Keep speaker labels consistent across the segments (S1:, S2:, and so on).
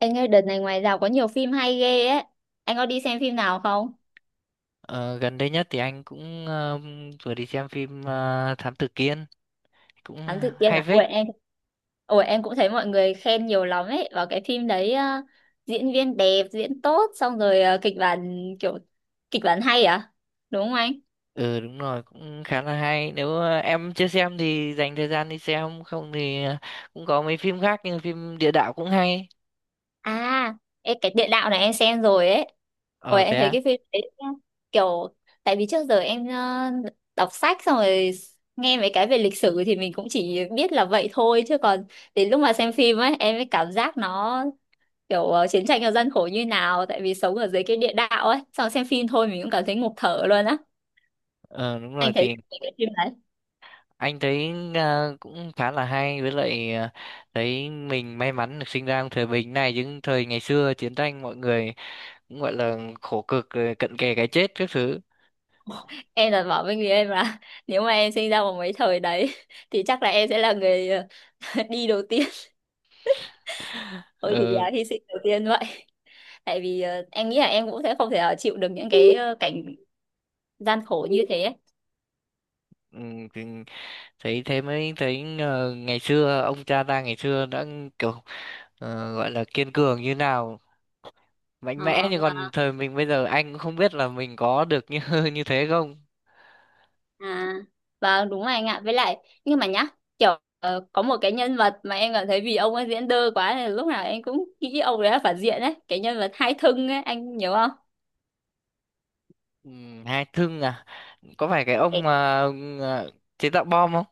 S1: Anh ơi, đợt này ngoài rạp có nhiều phim hay ghê ấy. Anh có đi xem phim nào không?
S2: Ờ, Gần đây nhất thì anh cũng vừa đi xem phim Thám Tử Kiên cũng
S1: Thám tử Kiên
S2: hay
S1: à? Ủa
S2: phết.
S1: em, ủa em cũng thấy mọi người khen nhiều lắm ấy. Vào cái phim đấy, diễn viên đẹp, diễn tốt, xong rồi kịch bản kiểu kịch bản hay à? Đúng không anh?
S2: Ừ, đúng rồi, cũng khá là hay, nếu em chưa xem thì dành thời gian đi xem, không thì cũng có mấy phim khác, nhưng phim địa đạo cũng hay.
S1: À, ê, cái địa đạo này em xem rồi ấy. Ủa
S2: Ờ Thế
S1: em thấy
S2: à?
S1: cái phim đấy nhá, kiểu tại vì trước giờ em đọc sách xong rồi nghe mấy cái về lịch sử thì mình cũng chỉ biết là vậy thôi chứ còn đến lúc mà xem phim ấy em mới cảm giác nó kiểu, chiến tranh ở dân khổ như nào tại vì sống ở dưới cái địa đạo ấy xong xem phim thôi mình cũng cảm thấy ngộp thở luôn á.
S2: Ờ Đúng rồi
S1: Anh thấy
S2: thì
S1: cái phim đấy
S2: anh thấy cũng khá là hay, với lại thấy mình may mắn được sinh ra trong thời bình này, chứ thời ngày xưa chiến tranh mọi người cũng gọi là khổ cực rồi, cận kề cái chết các thứ.
S1: em là bảo với người em là nếu mà em sinh ra vào mấy thời đấy thì chắc là em sẽ là người đi đầu tiên thôi thì
S2: ờ
S1: à, hy sinh đầu tiên vậy. Tại vì em nghĩ là em cũng sẽ không thể chịu được những cái cảnh gian khổ như thế ấy.
S2: ừ, thì thấy thế mới thấy ngày xưa ông cha ta ngày xưa đã kiểu, gọi là kiên cường như nào, mạnh mẽ,
S1: Ờ,
S2: như còn thời mình bây giờ anh cũng không biết là mình có được như như thế không.
S1: à, vâng đúng rồi anh ạ. Với lại nhưng mà nhá, kiểu, có một cái nhân vật mà em cảm thấy vì ông ấy diễn đơ quá nên lúc nào em cũng nghĩ ông đấy là phản diện đấy, cái nhân vật Hai Thưng ấy, anh nhớ không?
S2: Ừ, hai thương à? Có phải cái ông
S1: Cái-
S2: mà ờ, chế tạo bom không?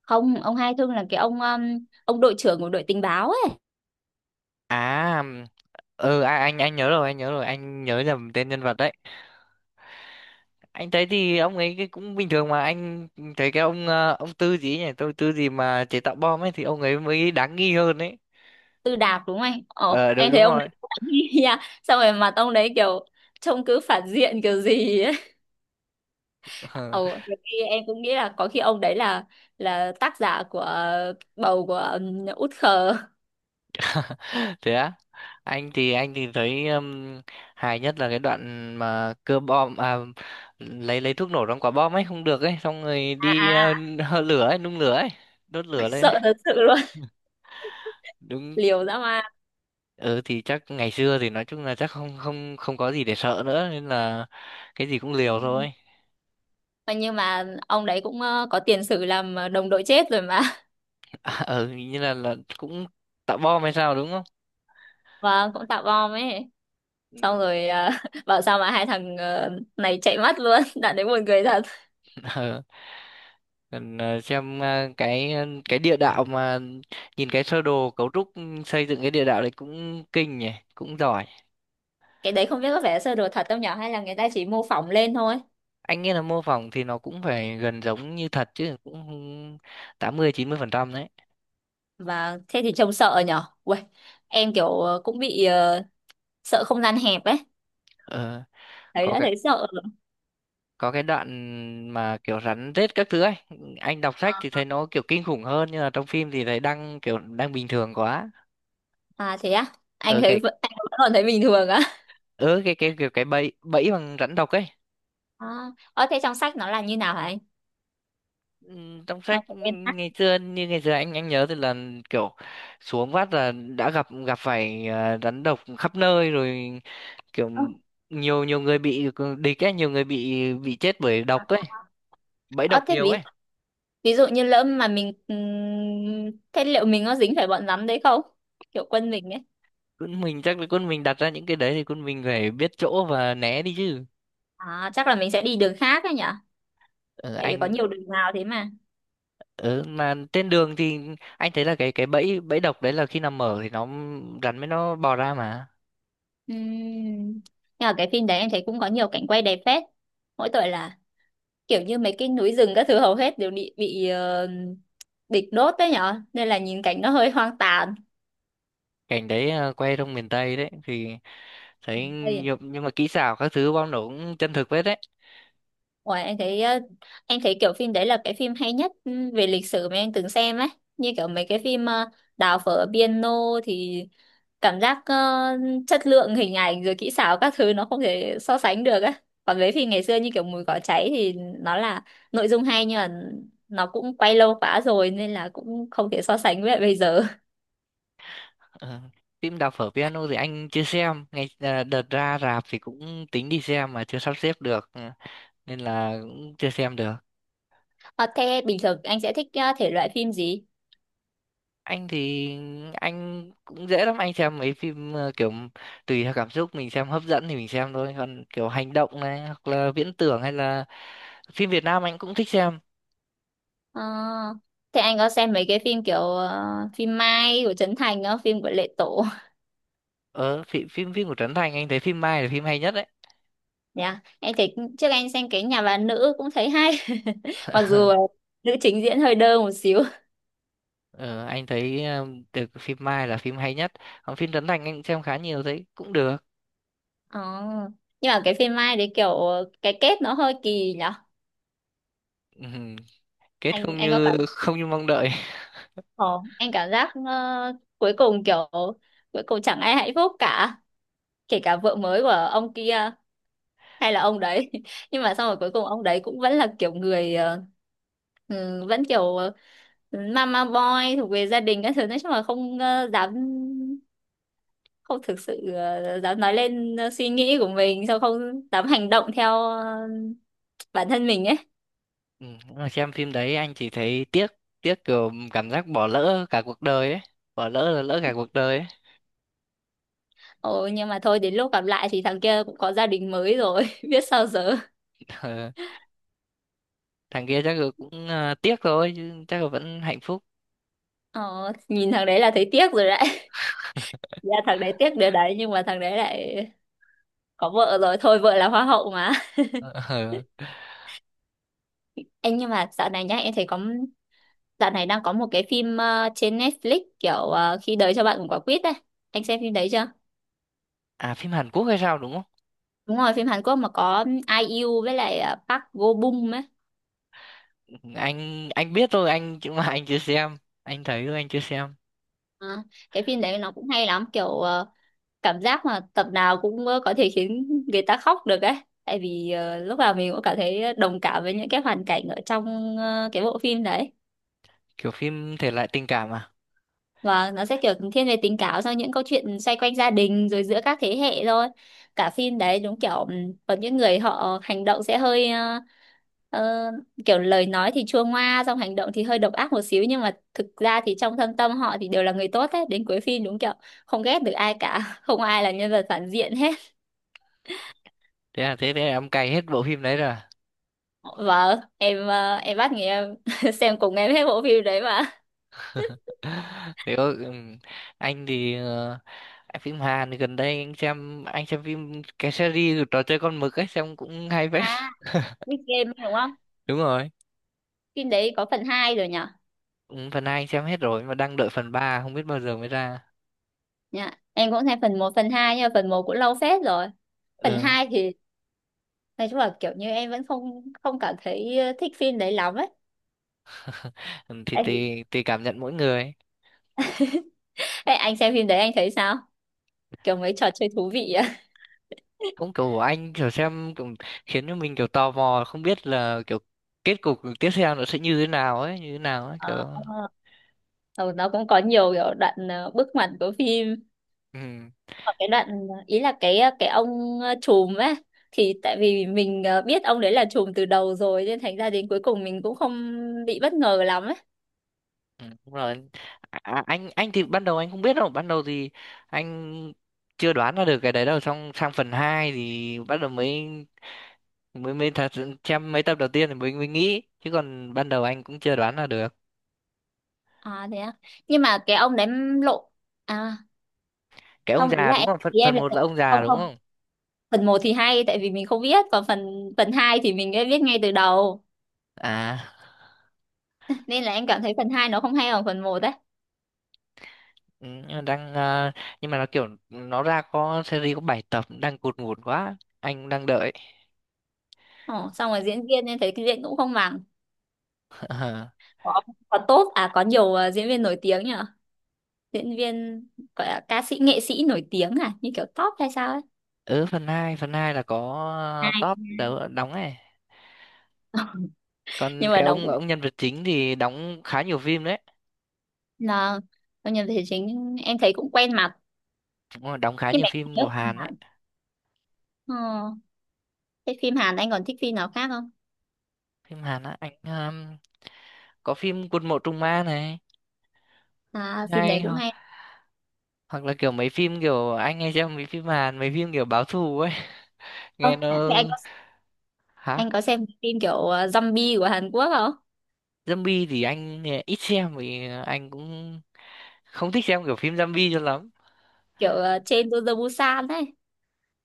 S1: Không, ông Hai Thưng là cái ông đội trưởng của đội tình báo ấy.
S2: À, ừ à, anh nhớ rồi, anh nhớ rồi, anh nhớ nhầm tên nhân vật đấy. Anh thấy thì ông ấy cái cũng bình thường, mà anh thấy cái ông ông Tư gì ấy nhỉ, tôi Tư gì mà chế tạo bom ấy, thì ông ấy mới đáng nghi hơn ấy.
S1: Tư Đạp đúng không anh? Ồ,
S2: Ờ, đúng
S1: em thấy
S2: đúng
S1: ông
S2: rồi.
S1: đấy cũng đáng nghi nha. Xong rồi mặt ông đấy kiểu trông cứ phản diện kiểu gì ấy. Ồ, nhiều khi em cũng nghĩ là có khi ông đấy là tác giả của bầu của Út Khờ.
S2: Thế á? Anh thì thấy hài nhất là cái đoạn mà cưa bom à, lấy thuốc nổ trong quả bom ấy không được ấy, xong rồi
S1: À,
S2: đi
S1: à.
S2: hơ lửa ấy, nung lửa ấy, đốt lửa lên ấy.
S1: Sợ thật sự luôn.
S2: Đúng.
S1: Liều dã man.
S2: Ừ, thì chắc ngày xưa thì nói chung là chắc không không không có gì để sợ nữa, nên là cái gì cũng
S1: Ừ.
S2: liều thôi.
S1: Mà nhưng mà ông đấy cũng có tiền sử làm đồng đội chết rồi mà
S2: À, ừ, như là cũng tạo bom hay sao đúng không?
S1: và cũng tạo bom ấy,
S2: Ừ.
S1: xong rồi bảo sao mà hai thằng này chạy mất luôn đoạn đấy buồn cười thật.
S2: Ừ. Cần xem cái cái địa đạo mà nhìn cái sơ đồ cấu trúc, ừ, xây dựng cái địa đạo đấy cũng kinh nhỉ, cũng giỏi.
S1: Cái đấy không biết có vẻ sơ đồ thật không nhở hay là người ta chỉ mô phỏng lên thôi.
S2: Anh nghĩ là mô phỏng thì nó cũng phải gần giống như thật chứ, cũng 80 90% đấy.
S1: Và thế thì trông sợ nhở. Uầy, em kiểu cũng bị, sợ không gian hẹp ấy,
S2: ờ,
S1: thấy
S2: có
S1: đã
S2: cái,
S1: thấy sợ rồi.
S2: có cái đoạn mà kiểu rắn rết các thứ ấy, anh đọc sách thì
S1: À,
S2: thấy nó kiểu kinh khủng hơn, nhưng mà trong phim thì thấy đang kiểu đang bình thường quá.
S1: à thế á, anh
S2: ở
S1: thấy
S2: cái
S1: vẫn- anh vẫn còn thấy bình thường á
S2: ở cái cái kiểu cái bẫy bẫy bằng rắn độc ấy.
S1: à, ờ thế trong sách nó là như nào hả anh,
S2: Ừ, trong
S1: trong
S2: sách, ừ,
S1: nguyên tắc.
S2: ngày xưa, như ngày xưa anh nhớ thì là kiểu xuống vắt là đã gặp gặp phải, à, rắn độc khắp nơi rồi, kiểu nhiều nhiều người bị địch ấy, nhiều người bị chết bởi độc ấy, bẫy
S1: Ờ
S2: độc
S1: thế
S2: nhiều
S1: ví
S2: ấy.
S1: Ví dụ như lỡ mà mình, thế liệu mình có dính phải bọn rắn đấy không? Kiểu quân mình ấy.
S2: Quân mình chắc là quân mình đặt ra những cái đấy thì quân mình phải biết chỗ và né đi chứ.
S1: À chắc là mình sẽ đi đường khác ấy nhỉ?
S2: ở
S1: Tại vì có
S2: anh
S1: nhiều đường vào thế mà.
S2: ở mà trên đường thì anh thấy là cái bẫy bẫy độc đấy là khi nằm mở thì nó, rắn mới nó bò ra mà.
S1: Ừm. Nhưng mà cái phim đấy em thấy cũng có nhiều cảnh quay đẹp phết. Mỗi tội là kiểu như mấy cái núi rừng các thứ hầu hết đều bị địch đốt đấy nhở nên là nhìn cảnh nó hơi hoang tàn.
S2: Cảnh đấy à, quay trong miền Tây đấy thì thấy, nhưng mà kỹ xảo các thứ bom nổ cũng chân thực phết đấy.
S1: Ủa, em thấy kiểu phim đấy là cái phim hay nhất, về lịch sử mà em từng xem ấy. Như kiểu mấy cái phim, Đào phở piano thì cảm giác, chất lượng hình ảnh rồi kỹ xảo các thứ nó không thể so sánh được ấy. Còn với phim ngày xưa như kiểu Mùi cỏ cháy thì nó là nội dung hay nhưng mà nó cũng quay lâu quá rồi nên là cũng không thể so sánh với lại bây giờ.
S2: Ờ, phim Đào phở piano thì anh chưa xem, ngày à, đợt ra rạp thì cũng tính đi xem mà chưa sắp xếp được. Ừ, nên là cũng chưa xem được.
S1: Ờ, thế bình thường anh sẽ thích thể loại phim gì?
S2: Anh thì anh cũng dễ lắm, anh xem mấy phim kiểu tùy theo cảm xúc, mình xem hấp dẫn thì mình xem thôi, còn kiểu hành động này hoặc là viễn tưởng, hay là phim Việt Nam anh cũng thích xem.
S1: Ờ, thế anh có xem mấy cái phim kiểu phim Mai của Trấn Thành không, phim của Lệ Tổ?
S2: Ờ phim phim phim của Trấn Thành anh thấy phim Mai là phim hay nhất đấy.
S1: Dạ, em thấy trước anh xem cái nhà bà nữ cũng thấy hay. Mặc dù nữ chính diễn hơi đơ một xíu.
S2: Ờ, anh thấy được, phim Mai là phim hay nhất. Còn phim Trấn Thành anh cũng xem khá nhiều, thấy cũng được.
S1: Ờ. Nhưng mà cái phim Mai đấy kiểu cái kết nó hơi kỳ nhở.
S2: Ừm, Kết
S1: Anh
S2: không
S1: anh có cảm,
S2: như mong đợi.
S1: ờ, anh cảm giác, cuối cùng kiểu cuối cùng chẳng ai hạnh phúc cả, kể cả vợ mới của ông kia hay là ông đấy. Nhưng mà xong rồi cuối cùng ông đấy cũng vẫn là kiểu người, vẫn kiểu mama boy thuộc về gia đình các thứ, nói chung là không, dám không thực sự dám nói lên suy nghĩ của mình, sao không dám hành động theo bản thân mình ấy.
S2: Ừ, nhưng mà xem phim đấy anh chỉ thấy tiếc, tiếc kiểu cảm giác bỏ lỡ cả cuộc đời ấy. Bỏ lỡ là lỡ cả cuộc đời ấy.
S1: Ồ, nhưng mà thôi đến lúc gặp lại thì thằng kia cũng có gia đình mới rồi biết sao giờ.
S2: Ờ, thằng kia chắc là cũng, à, tiếc thôi chứ chắc là vẫn hạnh phúc.
S1: Ồ, nhìn thằng đấy là thấy tiếc rồi đấy dạ thằng đấy tiếc điều đấy nhưng mà thằng đấy lại có vợ rồi thôi, vợ là hoa hậu mà
S2: Ờ. Ờ.
S1: anh nhưng mà dạo này nhá em thấy có, dạo này đang có một cái phim trên Netflix kiểu khi đời cho bạn một quả quýt ấy, anh xem phim đấy chưa?
S2: À, phim Hàn Quốc hay sao đúng không?
S1: Đúng rồi phim Hàn Quốc mà có IU với lại Park Go Bum ấy.
S2: Ừ, anh biết thôi anh, chứ mà anh chưa xem. Anh thấy thôi, anh chưa xem.
S1: À, cái phim đấy nó cũng hay lắm kiểu cảm giác mà tập nào cũng có thể khiến người ta khóc được ấy. Tại vì lúc nào mình cũng cảm thấy đồng cảm với những cái hoàn cảnh ở trong cái bộ phim đấy.
S2: Kiểu phim thể loại tình cảm à?
S1: Vâng, nó sẽ kiểu thiên về tình cảm sau những câu chuyện xoay quanh gia đình rồi giữa các thế hệ thôi. Cả phim đấy đúng kiểu, có những người họ hành động sẽ hơi ờ, kiểu lời nói thì chua ngoa xong hành động thì hơi độc ác một xíu nhưng mà thực ra thì trong thâm tâm họ thì đều là người tốt hết. Đến cuối phim đúng kiểu không ghét được ai cả, không ai là nhân vật phản diện hết.
S2: Thế là thế thế là em cày hết bộ phim đấy rồi.
S1: Vâng, em em bắt người em xem cùng em hết bộ phim đấy mà.
S2: Thế có- anh thì anh phim Hàn thì gần đây anh xem, phim cái series trò chơi con mực ấy, xem cũng hay phết.
S1: À, Squid Game đúng không?
S2: Đúng rồi.
S1: Phim đấy có phần 2 rồi nhỉ?
S2: Phần hai anh xem hết rồi mà đang đợi phần ba, không biết bao giờ mới ra.
S1: Dạ, em cũng nghe phần một phần 2 nhưng mà phần một cũng lâu phết rồi. Phần
S2: Ờ,
S1: 2 thì nói chung là kiểu như em vẫn không không cảm thấy thích phim đấy lắm ấy.
S2: thì
S1: Anh,
S2: tùy tùy cảm nhận mỗi người.
S1: ê, anh xem phim đấy anh thấy sao? Kiểu mấy trò chơi thú vị á.
S2: Cũng kiểu anh kiểu xem kiểu khiến cho mình kiểu tò mò, không biết là kiểu kết cục tiếp theo nó sẽ như thế nào ấy, kiểu.
S1: Ờ, ờ, nó cũng có nhiều kiểu đoạn, bước ngoặt của phim.
S2: Ừ.
S1: Và cái đoạn ý là cái, cái ông, trùm ấy thì tại vì mình biết ông đấy là trùm từ đầu rồi nên thành ra đến cuối cùng mình cũng không bị bất ngờ lắm ấy.
S2: Ừ, đúng rồi. À, à, anh thì ban đầu anh không biết đâu, ban đầu thì anh chưa đoán ra được cái đấy đâu, xong sang phần 2 thì bắt đầu mới mới mới thật sự xem mấy tập đầu tiên thì mới mới nghĩ, chứ còn ban đầu anh cũng chưa đoán ra được.
S1: À thế à. Nhưng mà cái ông đấy lộ à,
S2: Cái ông
S1: không ý
S2: già
S1: là
S2: đúng
S1: em
S2: không, phần
S1: ý em
S2: phần
S1: là
S2: một là ông già
S1: không
S2: đúng
S1: không,
S2: không?
S1: phần một thì hay tại vì mình không biết còn phần phần 2 thì mình đã biết ngay từ đầu
S2: À.
S1: nên là em cảm thấy phần 2 nó không hay bằng phần một đấy.
S2: Ừ, nhưng mà đang, à, nhưng mà nó kiểu nó ra có series có 7 tập, đang cụt ngủn quá, anh đang đợi.
S1: Ồ, xong rồi diễn viên em thấy cái diễn cũng không bằng. Có có tốt à, có nhiều diễn viên nổi tiếng nhở, diễn viên gọi là ca sĩ nghệ sĩ nổi tiếng à như kiểu top hay sao ấy
S2: Ờ. Ừ, phần hai là có top đấu đóng ấy.
S1: à.
S2: Còn
S1: Nhưng mà
S2: cái
S1: đóng
S2: ông
S1: cũng
S2: ông nhân vật chính thì đóng khá nhiều phim đấy.
S1: là trong nhân vật thể chính em thấy cũng quen mặt.
S2: Đúng rồi, đóng khá
S1: Nhưng
S2: nhiều
S1: mà em
S2: phim
S1: nhớ
S2: của
S1: phim
S2: Hàn đấy.
S1: Hàn, ờ, thế phim Hàn anh còn thích phim nào khác không?
S2: Phim Hàn á, anh có phim Quân Mộ Trung ma này,
S1: À phim
S2: ngay
S1: đấy cũng
S2: ho,
S1: hay.
S2: hoặc là kiểu mấy phim kiểu, anh hay xem mấy phim Hàn, mấy phim kiểu báo thù ấy.
S1: Ờ
S2: Nghe nó.
S1: thế anh
S2: Hả?
S1: Anh có xem cái phim kiểu zombie của Hàn Quốc không?
S2: Zombie thì anh ít xem, vì anh cũng không thích xem kiểu phim zombie cho lắm.
S1: Kiểu trên to the Busan ấy.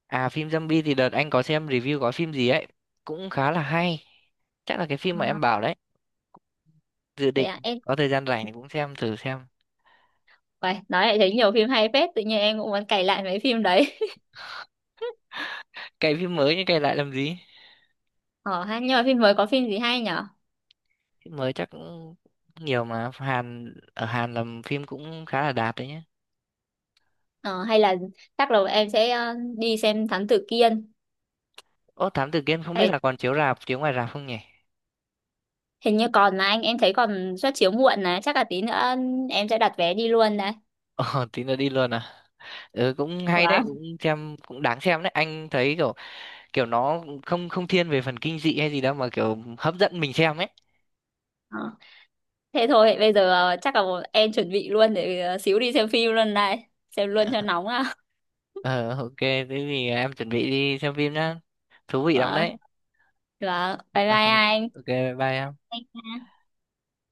S2: À, phim zombie thì đợt anh có xem review có phim gì ấy, cũng khá là hay, chắc là cái phim mà
S1: À,
S2: em bảo đấy. Dự
S1: thế
S2: định
S1: à, em.
S2: có thời gian rảnh thì cũng xem thử xem.
S1: Uầy, nói lại thấy nhiều phim hay phết, tự nhiên em cũng muốn cày lại mấy phim đấy.
S2: Cày phim mới nhưng cày lại làm gì.
S1: Ờ ha, nhưng mà phim mới có phim gì hay nhở?
S2: Phim mới chắc cũng nhiều mà, Hàn ở Hàn làm phim cũng khá là đạt đấy nhá.
S1: Ờ, hay là chắc là em sẽ đi xem Thám Tử Kiên.
S2: Ô, Thám Tử Kiên không biết
S1: Đấy,
S2: là còn chiếu rạp, chiếu ngoài rạp không nhỉ.
S1: hình như còn mà anh, em thấy còn suất chiếu muộn này, chắc là tí nữa em sẽ đặt vé đi luôn đấy.
S2: Ồ, tí nữa đi luôn à. Ừ, cũng hay đấy,
S1: Wow.
S2: cũng xem, cũng đáng xem đấy, anh thấy kiểu, kiểu nó không không thiên về phần kinh dị hay gì đâu, mà kiểu hấp dẫn mình xem ấy.
S1: Ờ. Thế thôi, bây giờ chắc là em chuẩn bị luôn để xíu đi xem phim luôn này, xem luôn cho nóng à.
S2: Ờ, ok, thế thì em chuẩn bị đi xem phim nhá, thú vị lắm
S1: Và,
S2: đấy.
S1: và bye bye
S2: Ờ,
S1: anh.
S2: ok, bye bye em.